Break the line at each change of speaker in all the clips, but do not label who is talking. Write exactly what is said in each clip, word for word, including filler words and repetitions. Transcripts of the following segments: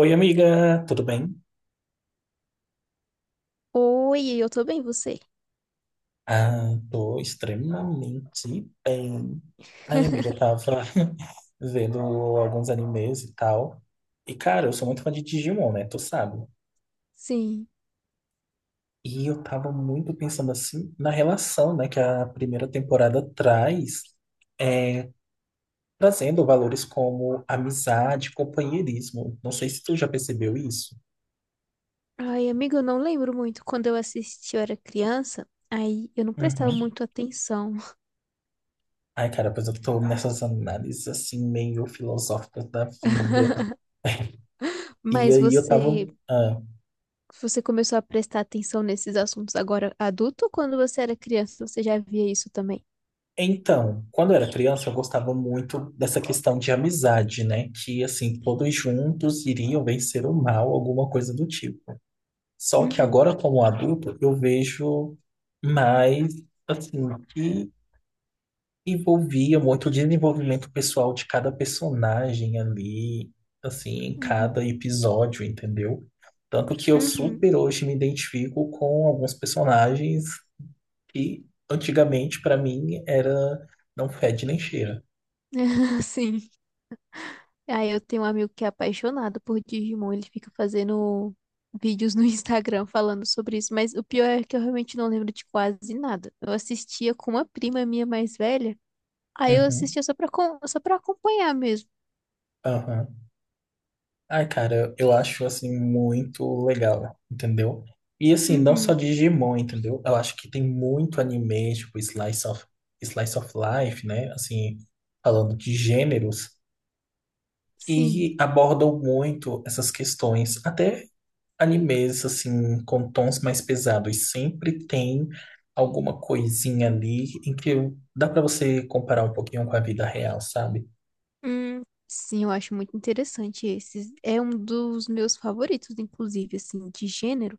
Oi, amiga, tudo bem?
Oi, eu tô bem, você?
Ah, tô extremamente bem. Ai, amiga, eu tava vendo alguns animes e tal. E, cara, eu sou muito fã de Digimon, né? Tu sabe?
Sim.
E eu tava muito pensando, assim, na relação, né, que a primeira temporada traz, é, trazendo valores como amizade, companheirismo. Não sei se tu já percebeu isso.
Ai, amiga, eu não lembro muito. Quando eu assisti, eu era criança, aí eu não prestava
Uhum.
muito atenção.
Ai, cara, pois eu tô nessas análises, assim, meio filosóficas da vida. E
Mas
aí eu tava.
você,
ah,
você começou a prestar atenção nesses assuntos agora adulto ou quando você era criança, você já via isso também?
Então, quando eu era criança, eu gostava muito dessa questão de amizade, né? Que, assim, todos juntos iriam vencer o mal, alguma coisa do tipo. Só que
Uhum,
agora, como adulto, eu vejo mais, assim, que envolvia muito o desenvolvimento pessoal de cada personagem ali, assim, em
uhum,
cada episódio, entendeu? Tanto que eu
uhum.
super hoje me identifico com alguns personagens que antigamente, pra mim, era não fede nem cheira.
Sim. Aí eu tenho um amigo que é apaixonado por Digimon, ele fica fazendo vídeos no Instagram falando sobre isso, mas o pior é que eu realmente não lembro de quase nada. Eu assistia com uma prima minha mais velha, aí eu
Uhum,
assistia só pra, com- só pra acompanhar mesmo.
aham. Ai, cara, eu acho assim muito legal, entendeu? E assim, não só
Uhum.
Digimon, entendeu? Eu acho que tem muito anime, tipo Slice of, Slice of Life, né? Assim, falando de gêneros,
Sim.
que abordam muito essas questões. Até animes, assim, com tons mais pesados, sempre tem alguma coisinha ali em que dá pra você comparar um pouquinho com a vida real, sabe?
Hum, sim, eu acho muito interessante esses. É um dos meus favoritos, inclusive, assim, de gênero.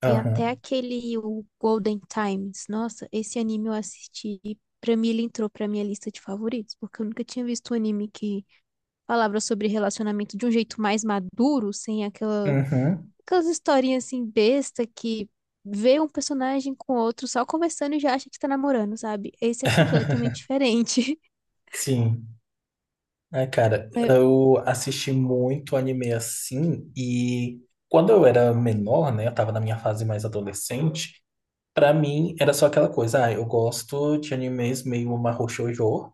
Tem até
Aham,
aquele o Golden Times. Nossa, esse anime eu assisti e pra mim ele entrou pra minha lista de favoritos, porque eu nunca tinha visto um anime que falava sobre relacionamento de um jeito mais maduro, sem aquela,
uhum.
aquelas historinhas assim besta que vê um personagem com outro só conversando e já acha que tá namorando, sabe? Esse é completamente diferente.
Sim. É, cara,
É,
eu assisti muito anime assim e quando eu era menor, né, eu tava na minha fase mais adolescente, pra mim era só aquela coisa, ah, eu gosto de animes meio mahou shoujo,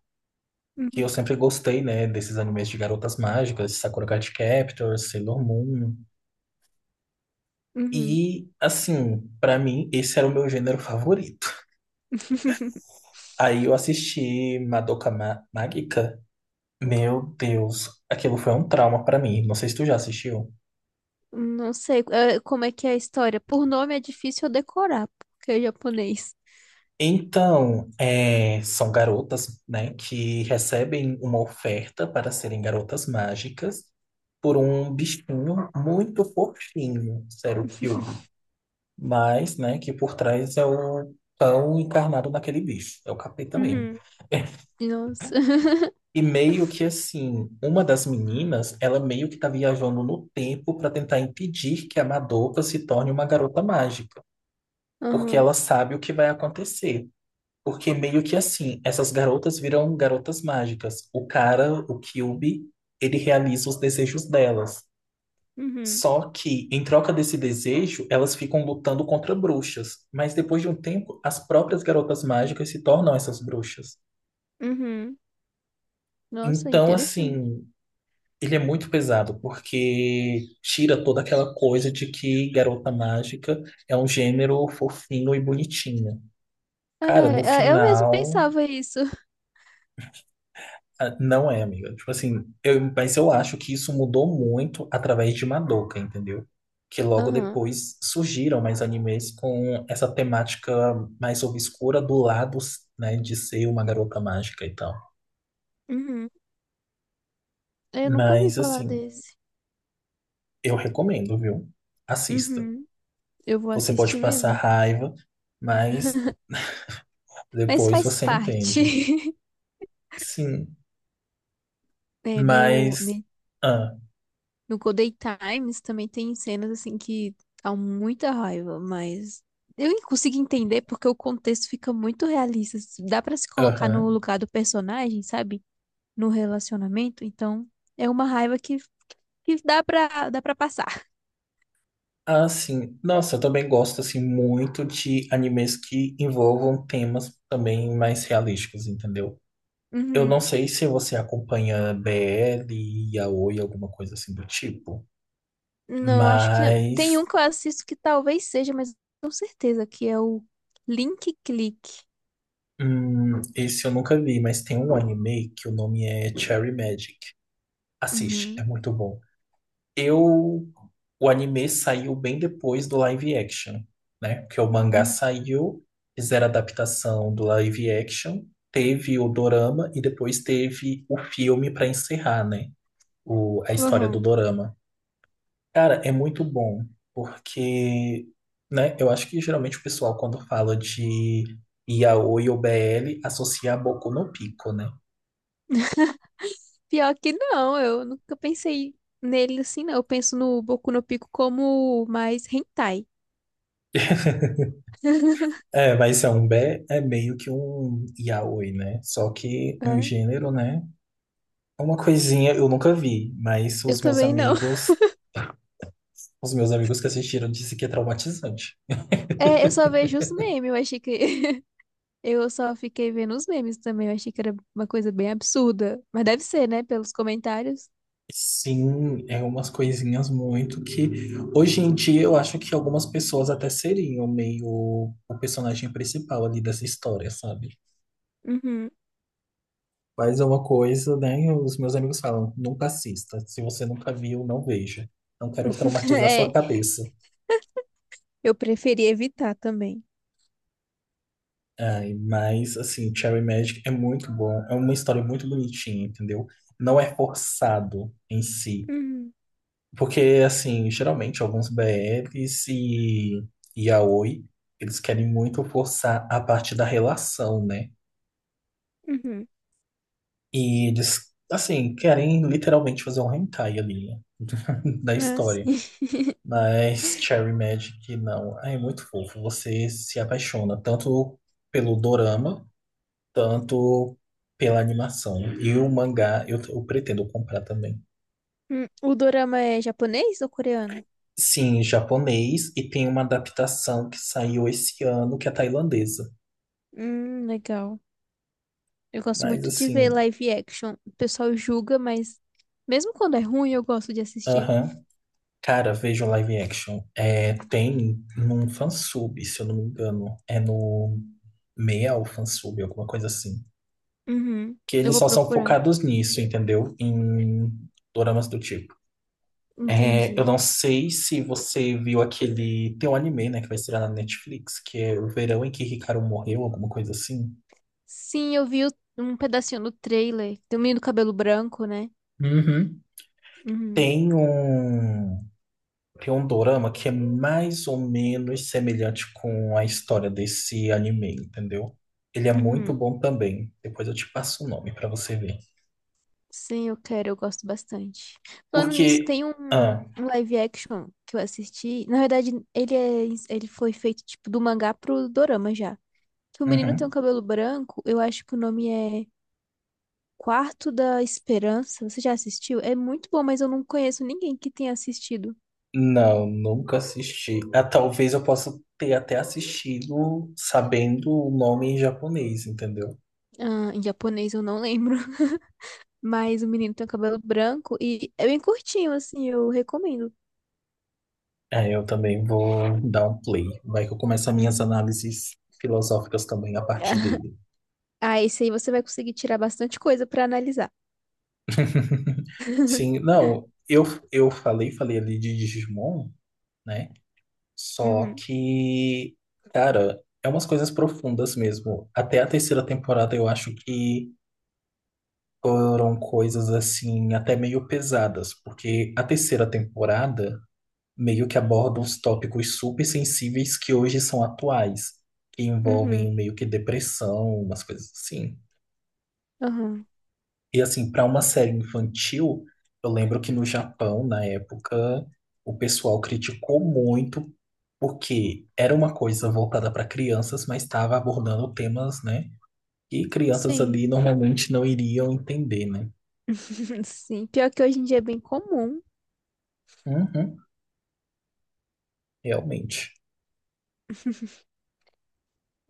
que eu
uhum,
sempre gostei, né, desses animes de garotas mágicas, Sakura Card Captor, Sailor Moon.
uhum.
E assim, pra mim esse era o meu gênero favorito. Aí eu assisti Madoka Ma- Magica. Meu Deus, aquilo foi um trauma pra mim. Não sei se tu já assistiu.
Não sei, é, como é que é a história. Por nome é difícil eu decorar, porque é japonês.
Então, é, são garotas, né, que recebem uma oferta para serem garotas mágicas por um bichinho muito fofinho, Serukyu, mas, né, que por trás é o pão encarnado naquele bicho, é o capeta mesmo.
Uhum. Nossa.
E meio que assim, uma das meninas, ela meio que tá viajando no tempo para tentar impedir que a Madoka se torne uma garota mágica, porque
Aham.
ela sabe o que vai acontecer. Porque meio que assim, essas garotas viram garotas mágicas. O cara, o Kyuubi, ele realiza os desejos delas.
Uhum.
Só que, em troca desse desejo, elas ficam lutando contra bruxas. Mas depois de um tempo, as próprias garotas mágicas se tornam essas bruxas.
Uhum. Nossa,
Então,
interessante.
assim, ele é muito pesado, porque tira toda aquela coisa de que garota mágica é um gênero fofinho e bonitinho. Cara, no
É, é, eu mesmo
final.
pensava isso.
Ah, não é, amiga. Tipo assim, eu, mas eu acho que isso mudou muito através de Madoka, entendeu? Que logo
Aham.
depois surgiram mais animes com essa temática mais obscura do lado, né, de ser uma garota mágica e tal.
Uhum. Eu nunca ouvi
Mas
falar
assim,
desse.
eu recomendo, viu? Assista.
Uhum. Eu vou
Você pode
assistir
passar
mesmo.
raiva, mas
Mas
depois
faz
você
parte.
entende. Sim,
É, no,
mas.
né,
Ah,
no Golden Times também tem cenas assim que dá muita raiva, mas eu nem consigo entender porque o contexto fica muito realista. Dá pra se colocar no
aham.
lugar do personagem, sabe? No relacionamento, então é uma raiva que, que dá pra, dá pra passar.
Ah, sim. Nossa, eu também gosto assim muito de animes que envolvam temas também mais realísticos, entendeu? Eu não
Uhum.
sei se você acompanha B L, Yaoi, alguma coisa assim do tipo,
Não, acho que não. Tem
mas
um que eu assisto que talvez seja, mas não tenho certeza que é o Link Click.
hum, esse eu nunca vi, mas tem um anime que o nome é Cherry Magic. Assiste, é
Uhum.
muito bom. Eu, o anime saiu bem depois do live action, né? Porque o mangá
Uhum.
saiu, fizeram a adaptação do live action, teve o dorama e depois teve o filme para encerrar, né? O, a história do
Uhum.
dorama. Cara, é muito bom, porque, né? Eu acho que geralmente o pessoal, quando fala de yaoi ou B L, associa a Boku no Pico, né?
Pior que não, eu nunca pensei nele assim, não. Eu penso no Boku no Pico como mais hentai.
É, mas é um B é meio que um yaoi, né? Só que um
É.
gênero, né? Uma coisinha eu nunca vi, mas
Eu
os meus
também não.
amigos, os meus amigos que assistiram disse que é traumatizante.
É, eu só vejo os memes, eu achei que. Eu só fiquei vendo os memes também, eu achei que era uma coisa bem absurda. Mas deve ser, né, pelos comentários.
Sim, é umas coisinhas muito que hoje em dia eu acho que algumas pessoas até seriam meio o personagem principal ali dessa história, sabe?
Uhum.
Mas é uma coisa, né? Os meus amigos falam, nunca assista. Se você nunca viu, não veja. Não quero traumatizar sua
É,
cabeça.
eu preferi evitar também.
Ai, mas, assim, Cherry Magic é muito bom. É uma história muito bonitinha, entendeu? Não é forçado em si.
Uhum.
Porque, assim, geralmente alguns B Ls e yaoi, eles querem muito forçar a parte da relação, né?
Uhum.
E eles, assim, querem literalmente fazer um hentai ali, né? da
Ah,
história.
sim.
Mas Cherry Magic, não. Ai, é muito fofo. Você se apaixona tanto pelo dorama, tanto pela animação. E o mangá eu, eu pretendo comprar também.
Hum, o dorama é japonês ou coreano?
Sim, japonês, e tem uma adaptação que saiu esse ano, que é tailandesa.
Hum, legal. Eu gosto
Mas
muito de ver
assim,
live action. O pessoal julga, mas mesmo quando é ruim, eu gosto de assistir.
aham. Cara, veja o live action. É, tem num fansub, se eu não me engano. É no meia ou fansub, alguma coisa assim.
Uhum.
Que
Eu
eles
vou
só são
procurar.
focados nisso, entendeu? Em doramas do tipo. É, eu
Entendi.
não sei se você viu aquele. Tem um anime, né, que vai estrear na Netflix, que é O Verão em que Ricardo Morreu, alguma coisa assim.
Sim, eu vi o- um pedacinho do trailer. Tem um menino do cabelo branco, né?
Uhum.
Uhum.
Tem um. Tem um dorama que é mais ou menos semelhante com a história desse anime, entendeu? Ele é muito
Uhum.
bom também. Depois eu te passo o nome pra você ver.
Sim, eu quero, eu gosto bastante. Falando nisso,
Porque.
tem um,
Ah,
um live action que eu assisti. Na verdade, ele é, ele foi feito tipo do mangá pro dorama já. Que o menino tem um
uhum.
cabelo branco, eu acho que o nome é Quarto da Esperança. Você já assistiu? É muito bom, mas eu não conheço ninguém que tenha assistido.
Não, nunca assisti. Ah, talvez eu possa ter até assistido sabendo o nome em japonês, entendeu?
Ah, em japonês eu não lembro. Mas o menino tem um cabelo branco e é bem curtinho, assim, eu recomendo.
É, eu também vou dar um play. Vai que eu começo as minhas
Uhum.
análises filosóficas também a partir dele.
Ah, esse aí você vai conseguir tirar bastante coisa pra analisar.
Sim, não, eu, eu falei, falei ali de Digimon, né? Só
Uhum,
que, cara, é umas coisas profundas mesmo. Até a terceira temporada eu acho que foram coisas assim, até meio pesadas, porque a terceira temporada meio que aborda uns tópicos super sensíveis que hoje são atuais, que
uhum,
envolvem meio que depressão, umas coisas assim.
uhum.
E assim, para uma série infantil, eu lembro que no Japão, na época, o pessoal criticou muito porque era uma coisa voltada para crianças, mas estava abordando temas, né, que crianças
Sim,
ali normalmente não iriam entender, né?
sim. Pior que hoje em dia é bem comum.
Uhum, realmente.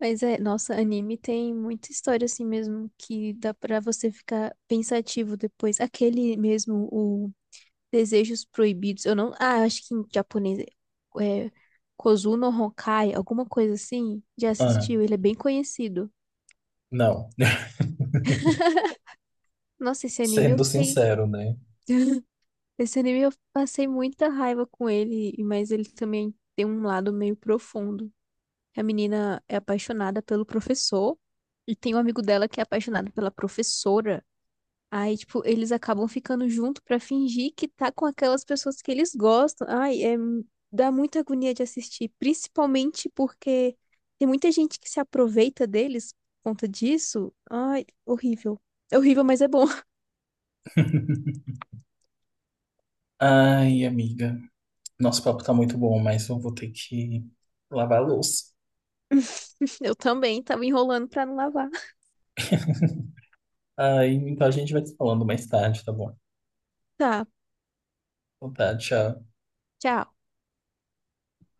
Mas é, nossa, anime tem muita história assim mesmo que dá pra você ficar pensativo depois. Aquele mesmo, o Desejos Proibidos. Eu não, ah, acho que em japonês é, é Kozuno Honkai, alguma coisa assim. Já
Ah,
assistiu? Ele é bem conhecido.
não,
Nossa, esse anime eu
sendo
fiquei
sincero, né?
esse anime eu passei muita raiva com ele, mas ele também tem um lado meio profundo. A menina é apaixonada pelo professor e tem um amigo dela que é apaixonado pela professora. Aí, tipo, eles acabam ficando junto pra fingir que tá com aquelas pessoas que eles gostam. Ai, é, dá muita agonia de assistir, principalmente porque tem muita gente que se aproveita deles por conta disso. Ai, horrível. É horrível, mas é bom.
Ai, amiga. Nosso papo tá muito bom, mas eu vou ter que lavar a louça.
Eu também tava enrolando pra não lavar.
Aí, então a gente vai se falando mais tarde, tá bom?
Tá,
Então tá, tchau.
tchau.